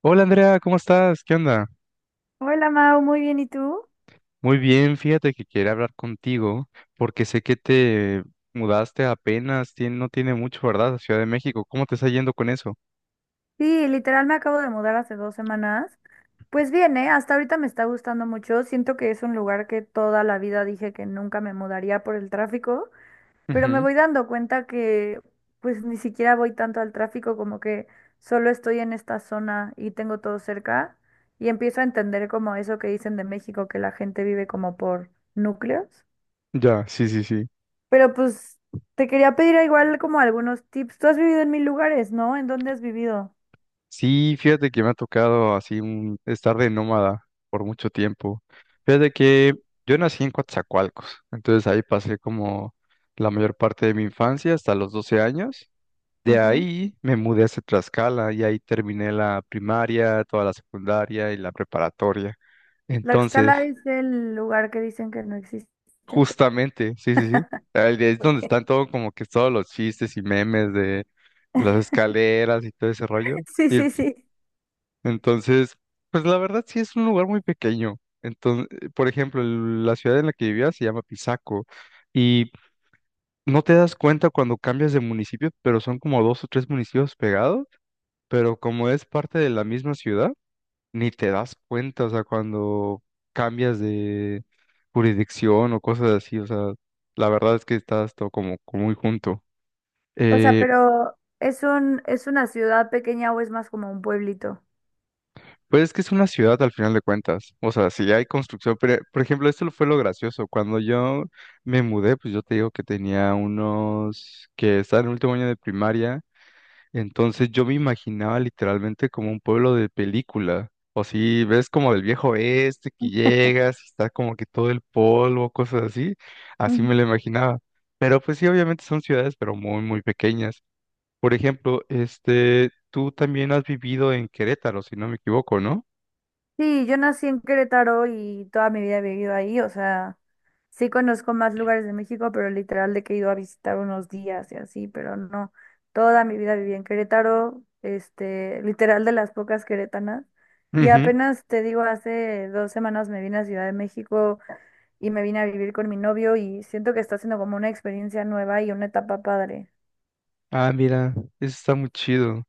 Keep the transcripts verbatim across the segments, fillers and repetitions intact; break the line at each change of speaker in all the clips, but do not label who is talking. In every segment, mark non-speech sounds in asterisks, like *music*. Hola Andrea, ¿cómo estás? ¿Qué onda?
Hola Mau, muy bien, ¿y tú?
Muy bien, fíjate que quería hablar contigo porque sé que te mudaste apenas, tien- no tiene mucho, ¿verdad? A Ciudad de México, ¿cómo te está yendo con eso?
Sí, literal me acabo de mudar hace dos semanas. Pues bien, ¿eh? Hasta ahorita me está gustando mucho. Siento que es un lugar que toda la vida dije que nunca me mudaría por el tráfico, pero me
Ujú.
voy dando cuenta que pues ni siquiera voy tanto al tráfico, como que solo estoy en esta zona y tengo todo cerca y empiezo a entender como eso que dicen de México, que la gente vive como por núcleos.
Ya, sí, sí, sí.
Pero pues te quería pedir igual como algunos tips. Tú has vivido en mil lugares, ¿no? ¿En dónde has vivido?
Sí, fíjate que me ha tocado así un, estar de nómada por mucho tiempo. Fíjate que yo nací en Coatzacoalcos, entonces ahí pasé como la mayor parte de mi infancia hasta los doce años. De
Ujú.
ahí me mudé hacia Tlaxcala y ahí terminé la primaria, toda la secundaria y la preparatoria. Entonces,
Tlaxcala es el lugar que dicen que no existe.
justamente, sí, sí, sí, ahí es donde están
*laughs*
todo como que todos los chistes y memes de las escaleras y todo ese rollo.
Sí,
Y
sí,
pues,
sí.
entonces, pues la verdad sí es un lugar muy pequeño. Entonces, por ejemplo, el- la ciudad en la que vivía se llama Pisaco y no te das cuenta cuando cambias de municipio, pero son como dos o tres municipios pegados, pero como es parte de la misma ciudad, ni te das cuenta, o sea, cuando cambias de jurisdicción o cosas así, o sea, la verdad es que estás todo como, como muy junto.
O sea,
Eh,
pero ¿es un, es una ciudad pequeña o es más como un pueblito?
pues es que es una ciudad al final de cuentas, o sea, si hay construcción, pero, por ejemplo, esto fue lo gracioso, cuando yo me mudé, pues yo te digo que tenía unos, que estaba en el último año de primaria. Entonces yo me imaginaba literalmente como un pueblo de película. O si ves como del viejo oeste que llegas, está como que todo el polvo, cosas así. Así
Ujú.
me lo imaginaba. Pero pues sí, obviamente son ciudades, pero muy, muy pequeñas. Por ejemplo, este, tú también has vivido en Querétaro, si no me equivoco, ¿no?
Sí, yo nací en Querétaro y toda mi vida he vivido ahí, o sea, sí conozco más lugares de México, pero literal de que he ido a visitar unos días y así, pero no, toda mi vida viví en Querétaro, este, literal de las pocas queretanas, y
Ujú.
apenas te digo, hace dos semanas me vine a Ciudad de México y me vine a vivir con mi novio y siento que está siendo como una experiencia nueva y una etapa padre.
Ah, mira, eso está muy chido.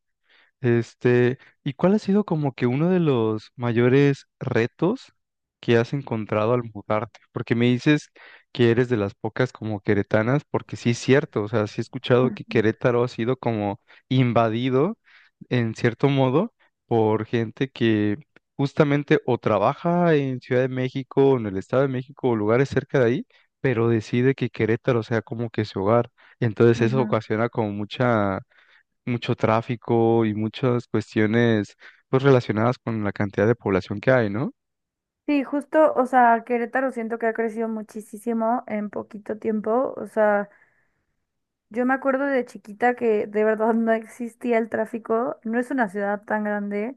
Este, ¿y cuál ha sido como que uno de los mayores retos que has encontrado al mudarte? Porque me dices que eres de las pocas como queretanas, porque sí es cierto, o sea, sí he escuchado que
Ujú,
Querétaro ha sido como invadido en cierto modo por gente que justamente o trabaja en Ciudad de México, o en el Estado de México o lugares cerca de ahí, pero decide que Querétaro sea como que su hogar. Entonces eso
ujú.
ocasiona como mucha mucho tráfico y muchas cuestiones pues relacionadas con la cantidad de población que hay, ¿no?
Sí, justo, o sea, Querétaro siento que ha crecido muchísimo en poquito tiempo. O sea, yo me acuerdo de chiquita que de verdad no existía el tráfico, no es una ciudad tan grande.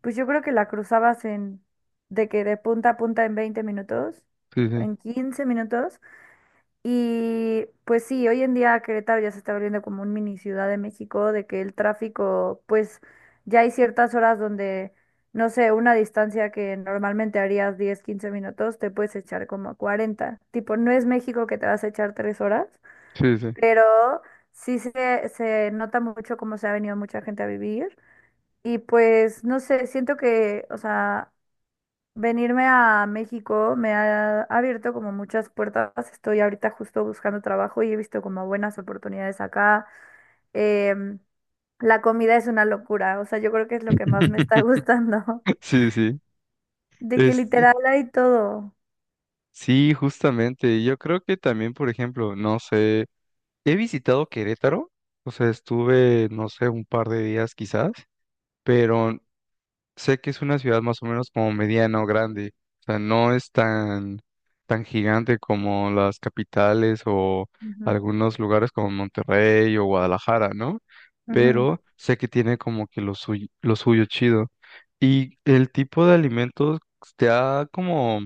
Pues yo creo que la cruzabas en, de que de punta a punta en veinte minutos,
Sí,
en quince minutos. Y pues sí, hoy en día Querétaro ya se está volviendo como un mini Ciudad de México, de que el tráfico, pues ya hay ciertas horas donde, no sé, una distancia que normalmente harías diez quince minutos, te puedes echar como cuarenta. Tipo, no es México que te vas a echar tres horas,
sí, sí, sí.
pero sí se, se nota mucho cómo se ha venido mucha gente a vivir. Y pues, no sé, siento que, o sea. Venirme a México me ha abierto como muchas puertas. Estoy ahorita justo buscando trabajo y he visto como buenas oportunidades acá. Em, la comida es una locura, o sea, yo creo que es lo que más me está
*laughs*
gustando,
Sí, sí.
*laughs* de que
Es,
literal hay todo.
sí, justamente. Yo creo que también, por ejemplo, no sé, he visitado Querétaro, o sea, estuve, no sé, un par de días quizás, pero sé que es una ciudad más o menos como mediana o grande, o sea, no es tan, tan gigante como las capitales o
Ujú,
algunos lugares como Monterrey o Guadalajara, ¿no?
ujú.
Pero sé que tiene como que lo suyo, lo suyo chido. Y el tipo de alimentos te ha como,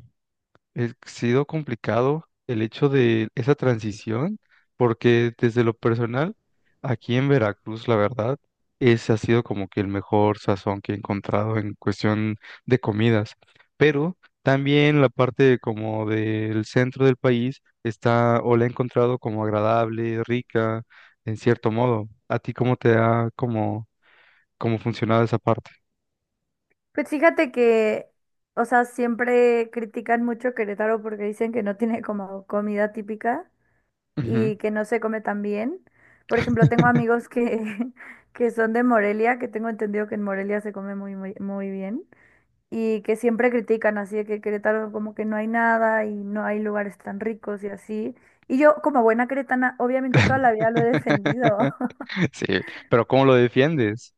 ha sido complicado el hecho de esa transición, porque desde lo personal, aquí en Veracruz, la verdad, ese ha sido como que el mejor sazón que he encontrado en cuestión de comidas. Pero también la parte como del centro del país está o la he encontrado como agradable, rica, en cierto modo. ¿A ti cómo te ha como, cómo funcionado esa parte?
Pues fíjate que, o sea, siempre critican mucho Querétaro porque dicen que no tiene como comida típica.
Ujú.
y que no se come tan bien. Por ejemplo, tengo
*laughs*
amigos que, *laughs* que son de Morelia, que tengo entendido que en Morelia se come muy, muy, muy bien y que siempre critican así de que Querétaro como que no hay nada y no hay lugares tan ricos y así. Y yo como buena queretana, obviamente toda la vida lo he defendido.
*laughs*
*laughs*
Sí, pero ¿cómo lo defiendes?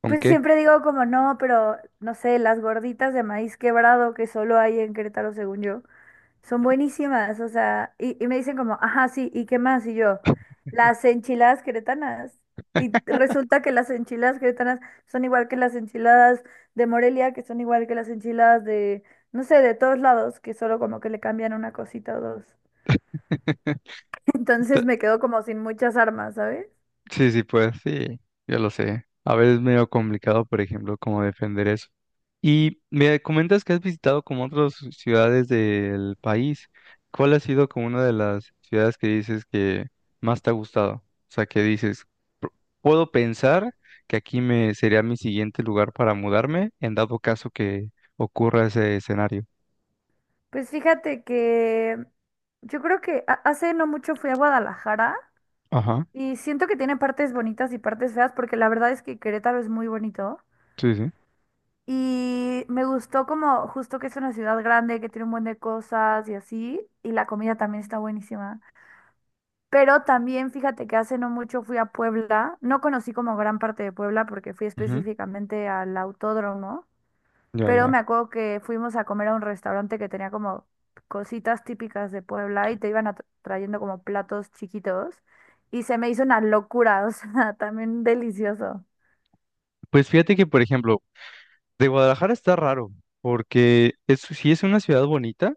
¿Con
Pues
qué?
siempre digo como no, pero no sé, las gorditas de maíz quebrado que solo hay en Querétaro según yo. Son buenísimas, o sea, y, y me dicen como, ajá, sí, ¿y qué más? Y yo, las enchiladas queretanas. Y resulta que las enchiladas queretanas son igual que las enchiladas de Morelia, que son igual que las enchiladas de, no sé, de todos lados, que solo como que le cambian una cosita o dos. *laughs*
*laughs*
Entonces
Ta-
me quedo como sin muchas armas, ¿sabes?
Sí, sí, pues sí, yo lo sé. A veces es medio complicado, por ejemplo, cómo defender eso. Y me comentas que has visitado como otras ciudades del país. ¿Cuál ha sido como una de las ciudades que dices que más te ha gustado? O sea, que dices, "P- puedo pensar que aquí me sería mi siguiente lugar para mudarme en dado caso que ocurra ese escenario".
Pues fíjate que yo creo que ha- hace no mucho fui a Guadalajara
Ajá,
y siento que tiene partes bonitas y partes feas, porque la verdad es que Querétaro es muy bonito.
sí, sí.
Y me gustó como justo que es una ciudad grande, que tiene un buen de cosas y así, y la comida también está buenísima. Pero también fíjate que hace no mucho fui a Puebla, no conocí como gran parte de Puebla porque fui
Ujú.
específicamente al autódromo,
Ya,
pero me
ya.
acuerdo que fuimos a comer a un restaurante que tenía como cositas típicas de Puebla y te iban a- trayendo como platos chiquitos y se me hizo una locura, *laughs* o sea, también delicioso.
Pues fíjate que, por ejemplo, de Guadalajara está raro, porque es, sí es una ciudad bonita,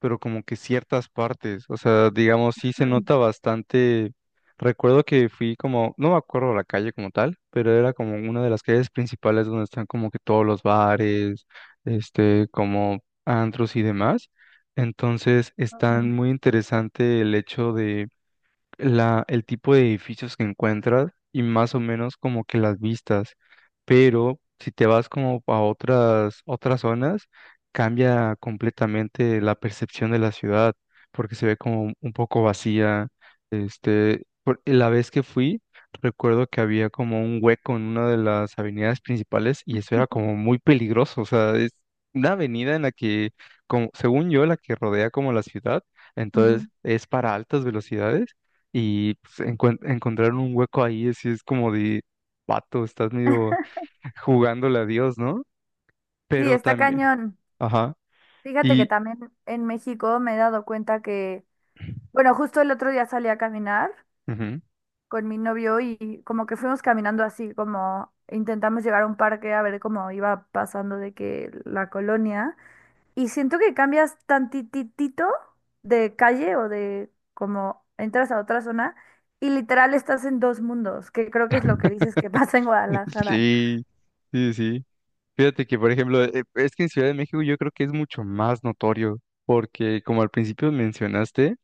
pero como que ciertas partes, o sea, digamos, sí se
Mm,
nota bastante. Recuerdo que fui como, no me acuerdo la calle como tal, pero era como una de las calles principales donde están como que todos los bares, este, como antros y demás. Entonces, está
ujú.
muy interesante el hecho de la, el tipo de edificios que encuentras y más o menos como que las vistas, pero si te vas como a otras, otras zonas, cambia completamente la percepción de la ciudad, porque se ve como un poco vacía. Este, por- la vez que fui, recuerdo que había como un hueco en una de las avenidas principales y eso era como
*laughs*
muy peligroso, o sea, es una avenida en la que, como, según yo, la que rodea como la ciudad, entonces
Ujú.
es para altas velocidades y pues, encuent- encontraron un hueco ahí, así es como de, vato, estás medio *laughs* jugándole a Dios, ¿no?
Sí,
Pero
está
también,
cañón.
ajá,
Fíjate que
y,
también en México me he dado cuenta que,
*clears throat*
bueno, justo el otro día salí a caminar
ujú,
con mi novio y como que fuimos caminando así, como intentamos llegar a un parque a ver cómo iba pasando de que la colonia. Y siento que cambias tantitito de calle o de como entras a otra zona y literal estás en dos mundos, que creo que es lo que dices que *laughs* pasa en Guadalajara.
sí, sí, sí. Fíjate que, por ejemplo, eh, es que en Ciudad de México yo creo que es mucho más notorio, porque como al principio mencionaste,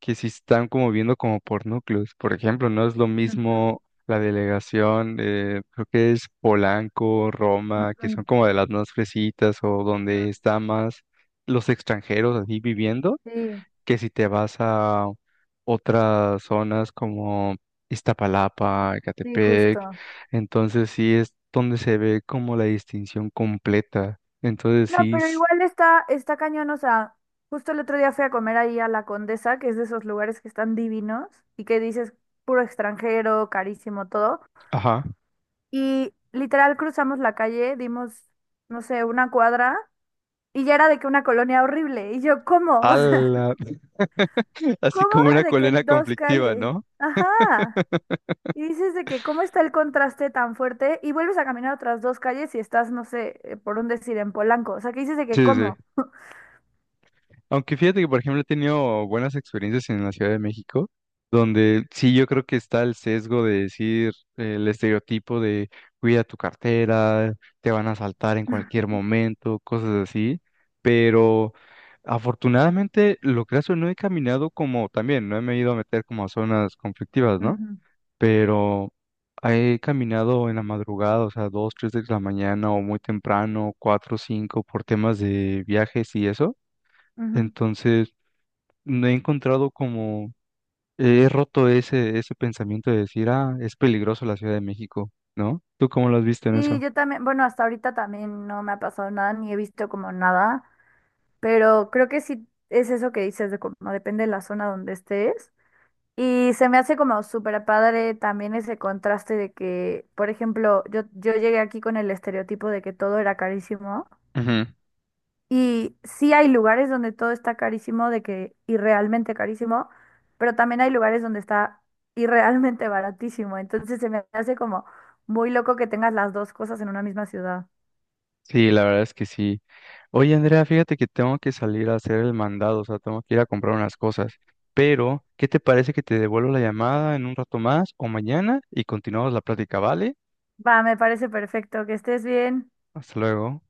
que sí están como viendo como por núcleos. Por ejemplo, no es lo
Ujú,
mismo la delegación, eh, creo que es Polanco, Roma, que
ujú,
son como de las más fresitas o
ujú.
donde está más los extranjeros así viviendo,
Sí,
que si te vas a otras zonas como Iztapalapa,
sí,
Ecatepec.
justo.
Entonces sí es donde se ve como la distinción completa. Entonces
No,
sí,
pero
es-
igual está, está cañón, o sea, justo el otro día fui a comer ahí a La Condesa, que es de esos lugares que están divinos y que dices puro extranjero, carísimo, todo.
ajá.
Y literal cruzamos la calle, dimos, no sé, una cuadra y ya era de que una colonia horrible. Y yo, ¿cómo? *laughs* O sea,
Ala, *laughs* así
¿cómo
como una
de que
colena
en dos
conflictiva,
calles?
¿no?
Ajá. Y dices de que cómo está el contraste tan fuerte y vuelves a caminar otras dos calles y estás, no sé, eh, por un decir, en Polanco. O sea, que dices de que
Sí, sí. Sí.
cómo.
Aunque fíjate que, por ejemplo, he tenido buenas experiencias en la Ciudad de México, donde sí yo creo que está el sesgo de decir, eh, el estereotipo de cuida tu cartera, te van a asaltar en cualquier momento, cosas así. Pero afortunadamente, lo que hace, no he caminado como también, no me he ido a meter como a zonas conflictivas, ¿no?
Ujú,
Pero he caminado en la madrugada, o sea, dos, tres de la mañana o muy temprano, cuatro, cinco, por temas de viajes y eso.
ujú.
Entonces, no he encontrado como, he roto ese, ese pensamiento de decir, ah, es peligroso la Ciudad de México, ¿no? ¿Tú cómo lo has visto en
Y
eso?
yo también, bueno, hasta ahorita también no me ha pasado nada, ni he visto como nada, pero creo que sí es eso que dices de como depende de la zona donde estés. Y se me hace como súper padre también ese contraste de que, por ejemplo, yo, yo llegué aquí con el estereotipo de que todo era carísimo.
Ujú.
Y sí hay lugares donde todo está carísimo, de que irrealmente carísimo, pero también hay lugares donde está irrealmente baratísimo. Entonces se me hace como muy loco que tengas las dos cosas en una misma ciudad.
Sí, la verdad es que sí. Oye, Andrea, fíjate que tengo que salir a hacer el mandado, o sea, tengo que ir a comprar unas cosas. Pero, ¿qué te parece que te devuelvo la llamada en un rato más o mañana y continuamos la plática, ¿vale?
Va, me parece perfecto. Que estés bien.
Hasta luego.